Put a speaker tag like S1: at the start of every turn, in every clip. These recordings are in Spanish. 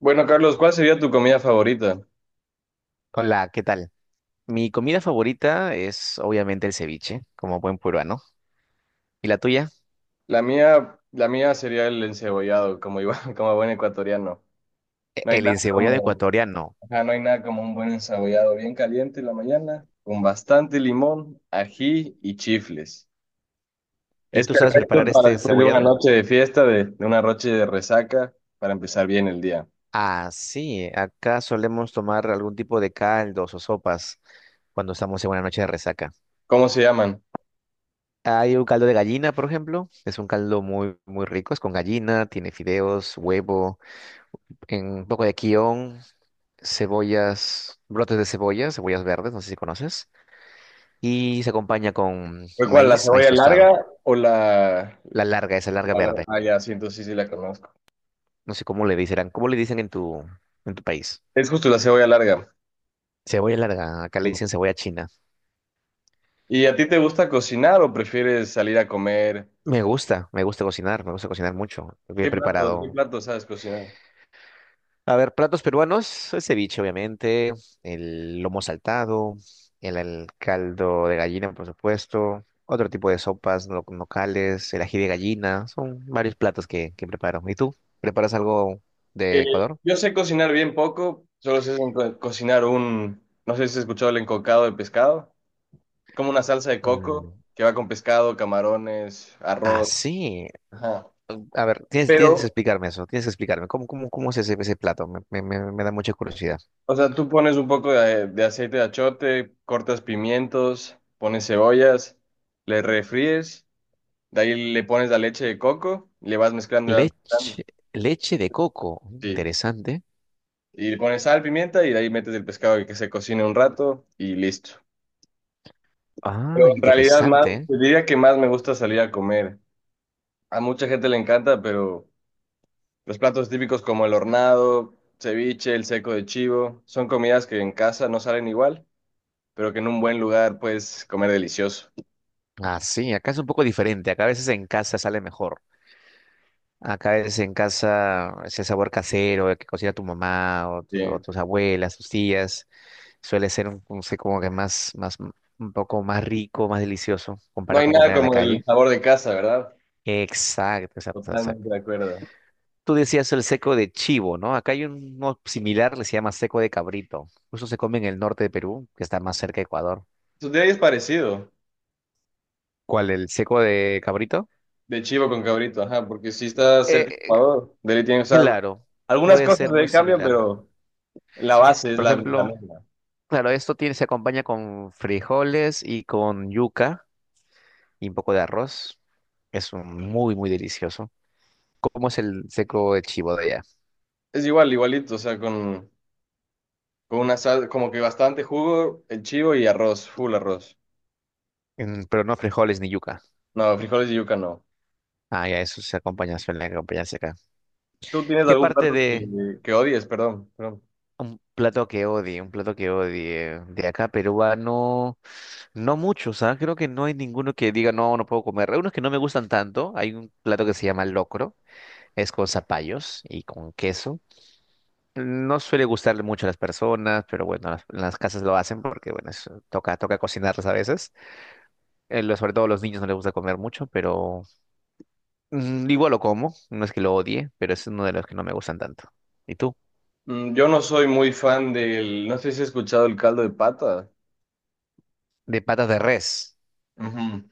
S1: Bueno, Carlos, ¿cuál sería tu comida favorita?
S2: Hola, ¿qué tal? Mi comida favorita es obviamente el ceviche, como buen peruano. ¿Y la tuya?
S1: La mía sería el encebollado, como iba, como buen ecuatoriano. No hay
S2: El
S1: nada
S2: encebollado
S1: como,
S2: ecuatoriano.
S1: ajá, no hay nada como un buen encebollado bien caliente en la mañana, con bastante limón, ají y chifles.
S2: ¿Y
S1: Es
S2: tú sabes
S1: perfecto
S2: preparar este
S1: para después de una
S2: encebollado?
S1: noche de fiesta, de una noche de resaca, para empezar bien el día.
S2: Ah, sí, acá solemos tomar algún tipo de caldos o sopas cuando estamos en una noche de resaca.
S1: ¿Cómo se llaman?
S2: Hay un caldo de gallina, por ejemplo. Es un caldo muy rico. Es con gallina, tiene fideos, huevo, un poco de quión, cebollas, brotes de cebolla, cebollas verdes, no sé si conoces. Y se acompaña con
S1: ¿Fue cuál, la
S2: maíz, maíz
S1: cebolla
S2: tostado.
S1: larga o la,
S2: La larga, esa larga
S1: la larga?
S2: verde.
S1: Ah, ya, sí, entonces sí, sí la conozco.
S2: No sé ¿cómo le dicen en tu país?
S1: Es justo la cebolla larga.
S2: Cebolla larga, acá le dicen cebolla china.
S1: ¿Y a ti te gusta cocinar o prefieres salir a comer?
S2: Me gusta cocinar mucho. Bien
S1: ¿Qué plato, qué
S2: preparado.
S1: plato sabes cocinar?
S2: A ver, platos peruanos, el ceviche, obviamente, el lomo saltado, el caldo de gallina, por supuesto, otro tipo de sopas locales, el ají de gallina, son varios platos que preparo. ¿Y tú? ¿Preparas algo
S1: Eh,
S2: de Ecuador?
S1: yo sé cocinar bien poco, solo sé cocinar un, no sé si has escuchado el encocado de pescado, como una salsa de
S2: Mm,
S1: coco que va con pescado, camarones,
S2: ah,
S1: arroz.
S2: sí.
S1: Ajá.
S2: A ver, tienes, tienes que
S1: Pero,
S2: explicarme eso, tienes que explicarme. ¿Cómo, cómo, cómo es ese, ese plato? Me da mucha curiosidad.
S1: o sea, tú pones un poco de, aceite de achote, cortas pimientos, pones cebollas, le refríes, de ahí le pones la leche de coco, le vas mezclando y vas mezclando.
S2: Leche, leche de coco,
S1: Sí.
S2: interesante.
S1: Y le pones sal, pimienta y de ahí metes el pescado y que se cocine un rato y listo.
S2: Ah,
S1: Pero en realidad más,
S2: interesante.
S1: te diría que más me gusta salir a comer. A mucha gente le encanta, pero los platos típicos como el hornado, ceviche, el seco de chivo, son comidas que en casa no salen igual, pero que en un buen lugar puedes comer delicioso.
S2: Ah, sí, acá es un poco diferente. Acá a veces en casa sale mejor. Acá a veces en casa ese sabor casero que cocina tu mamá o
S1: Bien.
S2: tus abuelas, tus tías, suele ser un, no sé, como que más, más, un poco más rico, más delicioso
S1: No
S2: comparado
S1: hay
S2: con
S1: nada
S2: comer en la
S1: como
S2: calle.
S1: el sabor de casa, ¿verdad?
S2: Exacto, exacto.
S1: Totalmente de acuerdo.
S2: Tú decías el seco de chivo, ¿no? Acá hay uno similar, le se llama seco de cabrito. Eso se come en el norte de Perú, que está más cerca de Ecuador.
S1: Tu día es parecido,
S2: ¿Cuál, el seco de cabrito?
S1: de chivo con cabrito, ajá, porque si está
S2: Eh,
S1: cerca de
S2: eh,
S1: Ecuador, de tiene, o sea,
S2: claro,
S1: algunas
S2: puede
S1: cosas
S2: ser
S1: de
S2: muy
S1: ahí cambian,
S2: similar.
S1: pero... La base es
S2: Por
S1: la
S2: ejemplo,
S1: misma.
S2: claro, esto tiene, se acompaña con frijoles y con yuca y un poco de arroz. Es un muy, muy delicioso. ¿Cómo es el seco de chivo de allá?
S1: Es igual, igualito, o sea, con una sal, como que bastante jugo, el chivo y arroz, full arroz.
S2: Pero no frijoles ni yuca.
S1: No, frijoles y yuca no.
S2: Ah, ya, eso se acompaña, suele acompañarse acá.
S1: ¿Tú tienes
S2: ¿Qué
S1: algún
S2: parte
S1: plato
S2: de...
S1: que odies? Perdón, perdón.
S2: Un plato que odie, un plato que odie. De acá peruano, no mucho, ¿sabes? Creo que no hay ninguno que diga, no, no puedo comer. Hay unos que no me gustan tanto. Hay un plato que se llama locro, es con zapallos y con queso. No suele gustarle mucho a las personas, pero bueno, las casas lo hacen porque, bueno, toca, toca cocinarlas a veces. Sobre todo a los niños no les gusta comer mucho, pero igual lo como. No es que lo odie, pero es uno de los que no me gustan tanto. ¿Y tú?
S1: Mm, yo no soy muy fan del, no sé si has escuchado el caldo de pata.
S2: De patas de res.
S1: Ujú.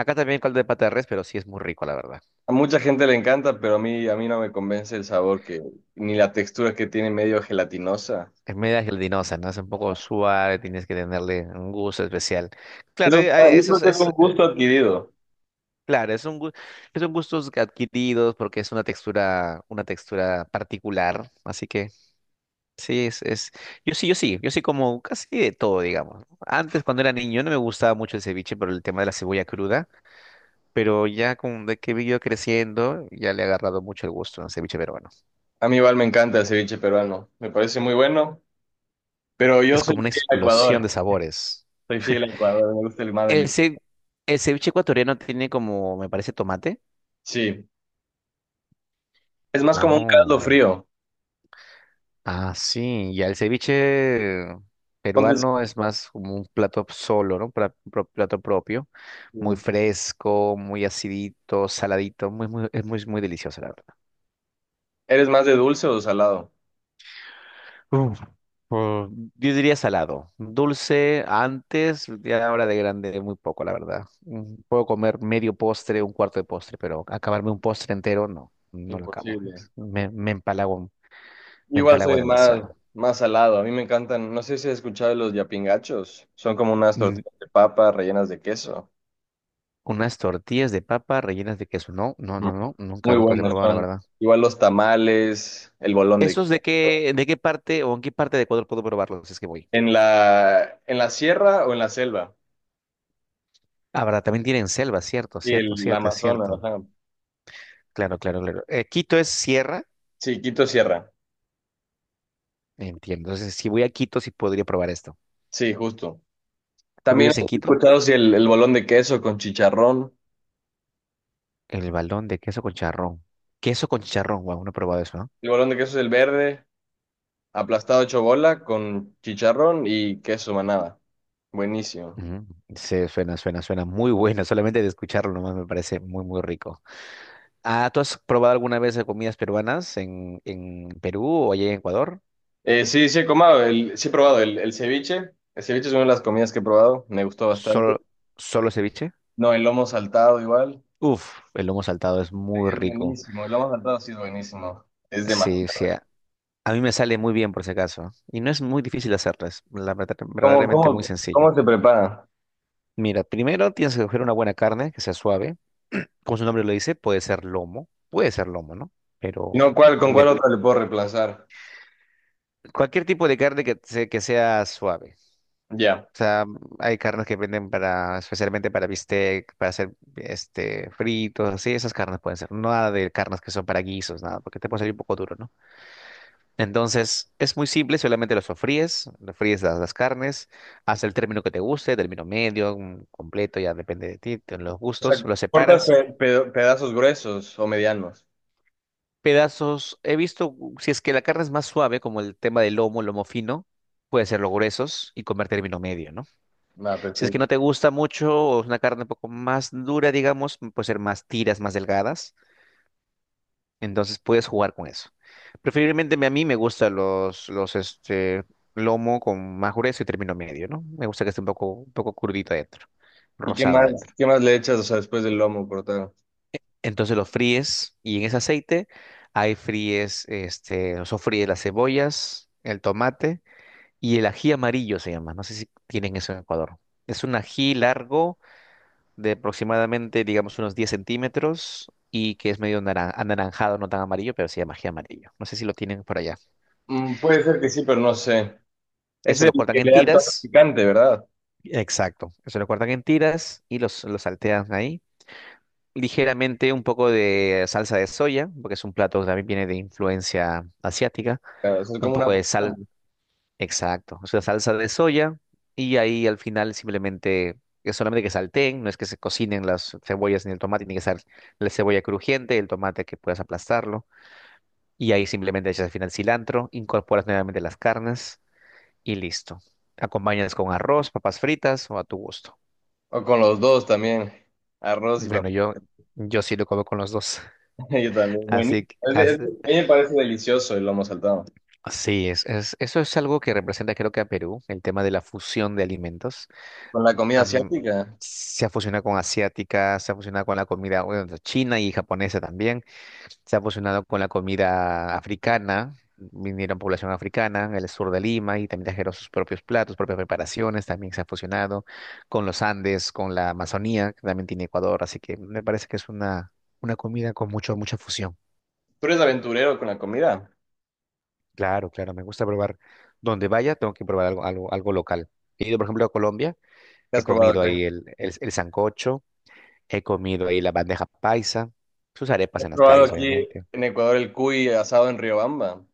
S2: Acá también caldo de pata de res, pero sí es muy rico, la verdad.
S1: A mucha gente le encanta, pero a mí no me convence el sabor que, ni la textura que tiene medio gelatinosa.
S2: Es media gelatinosa, ¿no? Es un poco suave, tienes que tenerle un gusto especial. Claro,
S1: Eso, yo
S2: eso
S1: creo que es un gusto adquirido.
S2: claro, son gustos que adquiridos porque es una textura particular. Así que sí, yo sí como casi de todo, digamos. ¿No? Antes, cuando era niño, no me gustaba mucho el ceviche por el tema de la cebolla cruda, pero ya con de que he ido creciendo, ya le he agarrado mucho el gusto al ceviche peruano.
S1: A mí igual me encanta el ceviche peruano, me parece muy bueno, pero yo
S2: Es
S1: soy
S2: como una
S1: fiel a
S2: explosión de
S1: Ecuador.
S2: sabores.
S1: Soy fiel a Ecuador, me gusta el más
S2: El, ce- el ceviche ecuatoriano tiene como, me parece, tomate.
S1: Sí, es más como un
S2: Oh.
S1: caldo frío.
S2: Ah, sí. Ya el ceviche
S1: Entonces,
S2: peruano es más como un plato solo, ¿no? Plato propio. Muy fresco, muy acidito, saladito. Muy, muy, es muy, muy delicioso, la verdad.
S1: ¿eres más de dulce o salado?
S2: Uf, uh, yo diría salado. Dulce antes, ya ahora de grande, muy poco, la verdad. Mm, puedo comer medio postre, un cuarto de postre, pero acabarme un postre entero, no. No lo acabo.
S1: Imposible.
S2: Me
S1: Igual
S2: empalago
S1: soy más,
S2: demasiado.
S1: más salado. A mí me encantan, no sé si has escuchado de los yapingachos. Son como unas
S2: Mm,
S1: tortillas de papa rellenas de queso.
S2: unas tortillas de papa rellenas de queso. No, no,
S1: Mm.
S2: no, no. Nunca,
S1: Muy
S2: nunca los he
S1: buenos
S2: probado, la
S1: son.
S2: verdad.
S1: Igual los tamales, el bolón de
S2: ¿Esos
S1: queso.
S2: de qué parte o en qué parte de Ecuador puedo probarlos? Si es que voy.
S1: ¿En la sierra o en la selva?
S2: Ah, verdad, también tienen selva, cierto,
S1: Y
S2: cierto,
S1: el, la
S2: cierto, es
S1: Amazonas,
S2: cierto.
S1: ajá.
S2: Claro, claro, claro. Quito es sierra.
S1: Sí, Quito Sierra.
S2: Entiendo. Entonces, si voy a Quito, sí podría probar esto.
S1: Sí, justo.
S2: ¿Tú
S1: También
S2: vives
S1: he
S2: en Quito?
S1: escuchado si el, el bolón de queso con chicharrón.
S2: El balón de queso con charrón. Queso con charrón, wow, no he probado eso, ¿no?
S1: El bolón de queso es el verde, aplastado hecho bola con chicharrón y queso manada. Buenísimo.
S2: Ujú. Sí, suena, suena, suena muy bueno. Solamente de escucharlo nomás me parece muy, muy rico. Ah, ¿tú has probado alguna vez de comidas peruanas en Perú o allá en Ecuador?
S1: Sí, sí he probado el ceviche. El ceviche es una de las comidas que he probado, me gustó bastante.
S2: ¿Solo, solo ceviche?
S1: No, el lomo saltado igual.
S2: Uf, el lomo saltado es muy
S1: Es
S2: rico.
S1: buenísimo, el lomo saltado sí es buenísimo. Es demasiado.
S2: Sí, sí. A mí me sale muy bien por si acaso. Y no es muy difícil hacerlo, es la
S1: ¿Cómo,
S2: verdaderamente muy
S1: cómo,
S2: sencillo.
S1: cómo se prepara?
S2: Mira, primero tienes que coger una buena carne que sea suave. Como su nombre lo dice, puede ser lomo. Puede ser lomo, ¿no? Pero
S1: No, ¿cuál, con cuál
S2: de
S1: otro le puedo reemplazar?
S2: cualquier tipo de carne que sea suave.
S1: Ya.
S2: O sea, hay carnes que venden para, especialmente para bistec, para hacer este fritos, así, esas carnes pueden ser. No. Nada de carnes que son para guisos, nada, porque te puede salir un poco duro, ¿no? Entonces, es muy simple, solamente lo sofríes, lo fríes las carnes, hasta el término que te guste, término medio, completo, ya depende de ti, de los
S1: O
S2: gustos,
S1: sea,
S2: lo
S1: cortas
S2: separas.
S1: pedazos gruesos o medianos.
S2: Pedazos, he visto, si es que la carne es más suave, como el tema del lomo, lomo fino, puede ser los gruesos y comer término medio, ¿no?
S1: Va,
S2: Si es que
S1: perfecto.
S2: no te gusta mucho o es una carne un poco más dura, digamos, puede ser más tiras, más delgadas. Entonces puedes jugar con eso. A mí me gustan lomo con más grueso y término medio, ¿no? Me gusta que esté un poco crudito adentro,
S1: ¿Y qué
S2: rosado
S1: más,
S2: adentro.
S1: qué más le echas, o sea, después del lomo cortado?
S2: Entonces lo fríes y en ese aceite ahí fríes, este, o sofríes las cebollas, el tomate y el ají amarillo se llama. No sé si tienen eso en Ecuador. Es un ají largo de aproximadamente, digamos, unos 10 centímetros y que es medio anaranjado, no tan amarillo, pero sí de magia amarillo. No sé si lo tienen por allá.
S1: Mm, puede ser que sí, pero no sé. Es
S2: Eso
S1: el
S2: lo cortan
S1: que
S2: en
S1: le da el toque
S2: tiras.
S1: picante, ¿verdad?
S2: Exacto. Eso lo cortan en tiras y los saltean ahí. Ligeramente un poco de salsa de soya, porque es un plato que también viene de influencia asiática.
S1: Claro, o sea, es
S2: Un
S1: como una
S2: poco de sal,
S1: fusión.
S2: exacto. O sea, salsa de soya y ahí al final simplemente... Es solamente que salteen, no es que se cocinen las cebollas ni el tomate, tiene que ser la cebolla crujiente, el tomate que puedas aplastarlo. Y ahí simplemente echas al final cilantro, incorporas nuevamente las carnes y listo. Acompañas con arroz, papas fritas o a tu gusto.
S1: O con los dos también. Arroz y
S2: Bueno,
S1: papá.
S2: yo sí lo como con los dos.
S1: Yo también. Bueno,
S2: Así que as-
S1: a mí me parece delicioso el lomo saltado.
S2: sí, eso es algo que representa creo que a Perú, el tema de la fusión de alimentos.
S1: Con la comida
S2: Am,
S1: asiática.
S2: se ha fusionado con asiática, se ha fusionado con la comida bueno, china y japonesa también. Se ha fusionado con la comida africana, vinieron población africana en el sur de Lima y también trajeron sus propios platos, propias preparaciones, también se ha fusionado con los Andes, con la Amazonía, que también tiene Ecuador, así que me parece que es una comida con mucho, mucha fusión.
S1: ¿Tú eres aventurero con la comida?
S2: Claro, claro, me gusta probar. Donde vaya, tengo que probar algo, algo, algo local. He ido, por ejemplo, a Colombia,
S1: ¿Qué
S2: he
S1: has probado
S2: comido
S1: acá?
S2: ahí el sancocho, he comido ahí la bandeja paisa, sus arepas
S1: ¿Has
S2: en las
S1: probado
S2: calles,
S1: aquí
S2: obviamente.
S1: en Ecuador el cuy asado en Riobamba?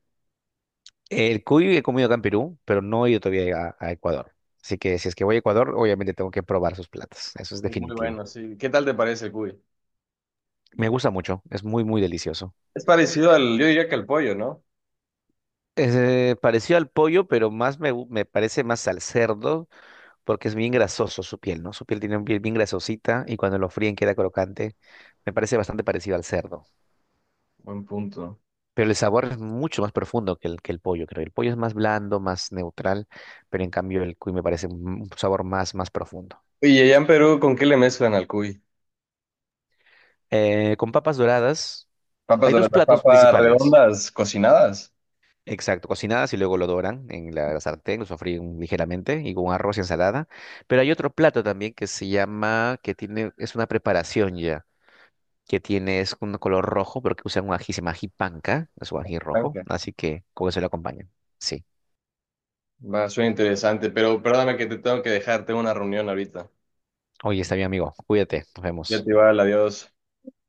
S2: El cuy he comido acá en Perú, pero no he ido todavía a Ecuador. Así que si es que voy a Ecuador, obviamente tengo que probar sus platos. Eso es
S1: Es muy
S2: definitivo.
S1: bueno, sí. ¿Qué tal te parece el cuy?
S2: Me gusta mucho, es muy, muy delicioso.
S1: Es parecido al, yo diría que al pollo, ¿no?
S2: Es parecido al pollo, pero más me parece más al cerdo porque es bien grasoso su piel, ¿no? Su piel tiene un piel bien grasosita y cuando lo fríen queda crocante. Me parece bastante parecido al cerdo.
S1: Buen punto.
S2: Pero el sabor es mucho más profundo que que el pollo, creo. El pollo es más blando, más neutral, pero en cambio el cuy me parece un sabor más, más profundo.
S1: Y allá en Perú, ¿con qué le mezclan al cuy?
S2: Con papas doradas.
S1: Papas
S2: Hay dos
S1: doradas,
S2: platos
S1: papas
S2: principales.
S1: redondas, cocinadas.
S2: Exacto, cocinadas y luego lo doran en la sartén, lo sofríen ligeramente y con arroz y ensalada. Pero hay otro plato también que se llama, que tiene, es una preparación ya, que tiene, es un color rojo, pero que usan un ají, se llama ají panca, es un ají rojo,
S1: Blanca.
S2: así que con eso lo acompañan. Sí.
S1: Va, suena interesante, pero perdóname que te tengo que dejar, tengo una reunión ahorita.
S2: Oye, está bien, amigo, cuídate, nos
S1: Ya te
S2: vemos.
S1: va, adiós.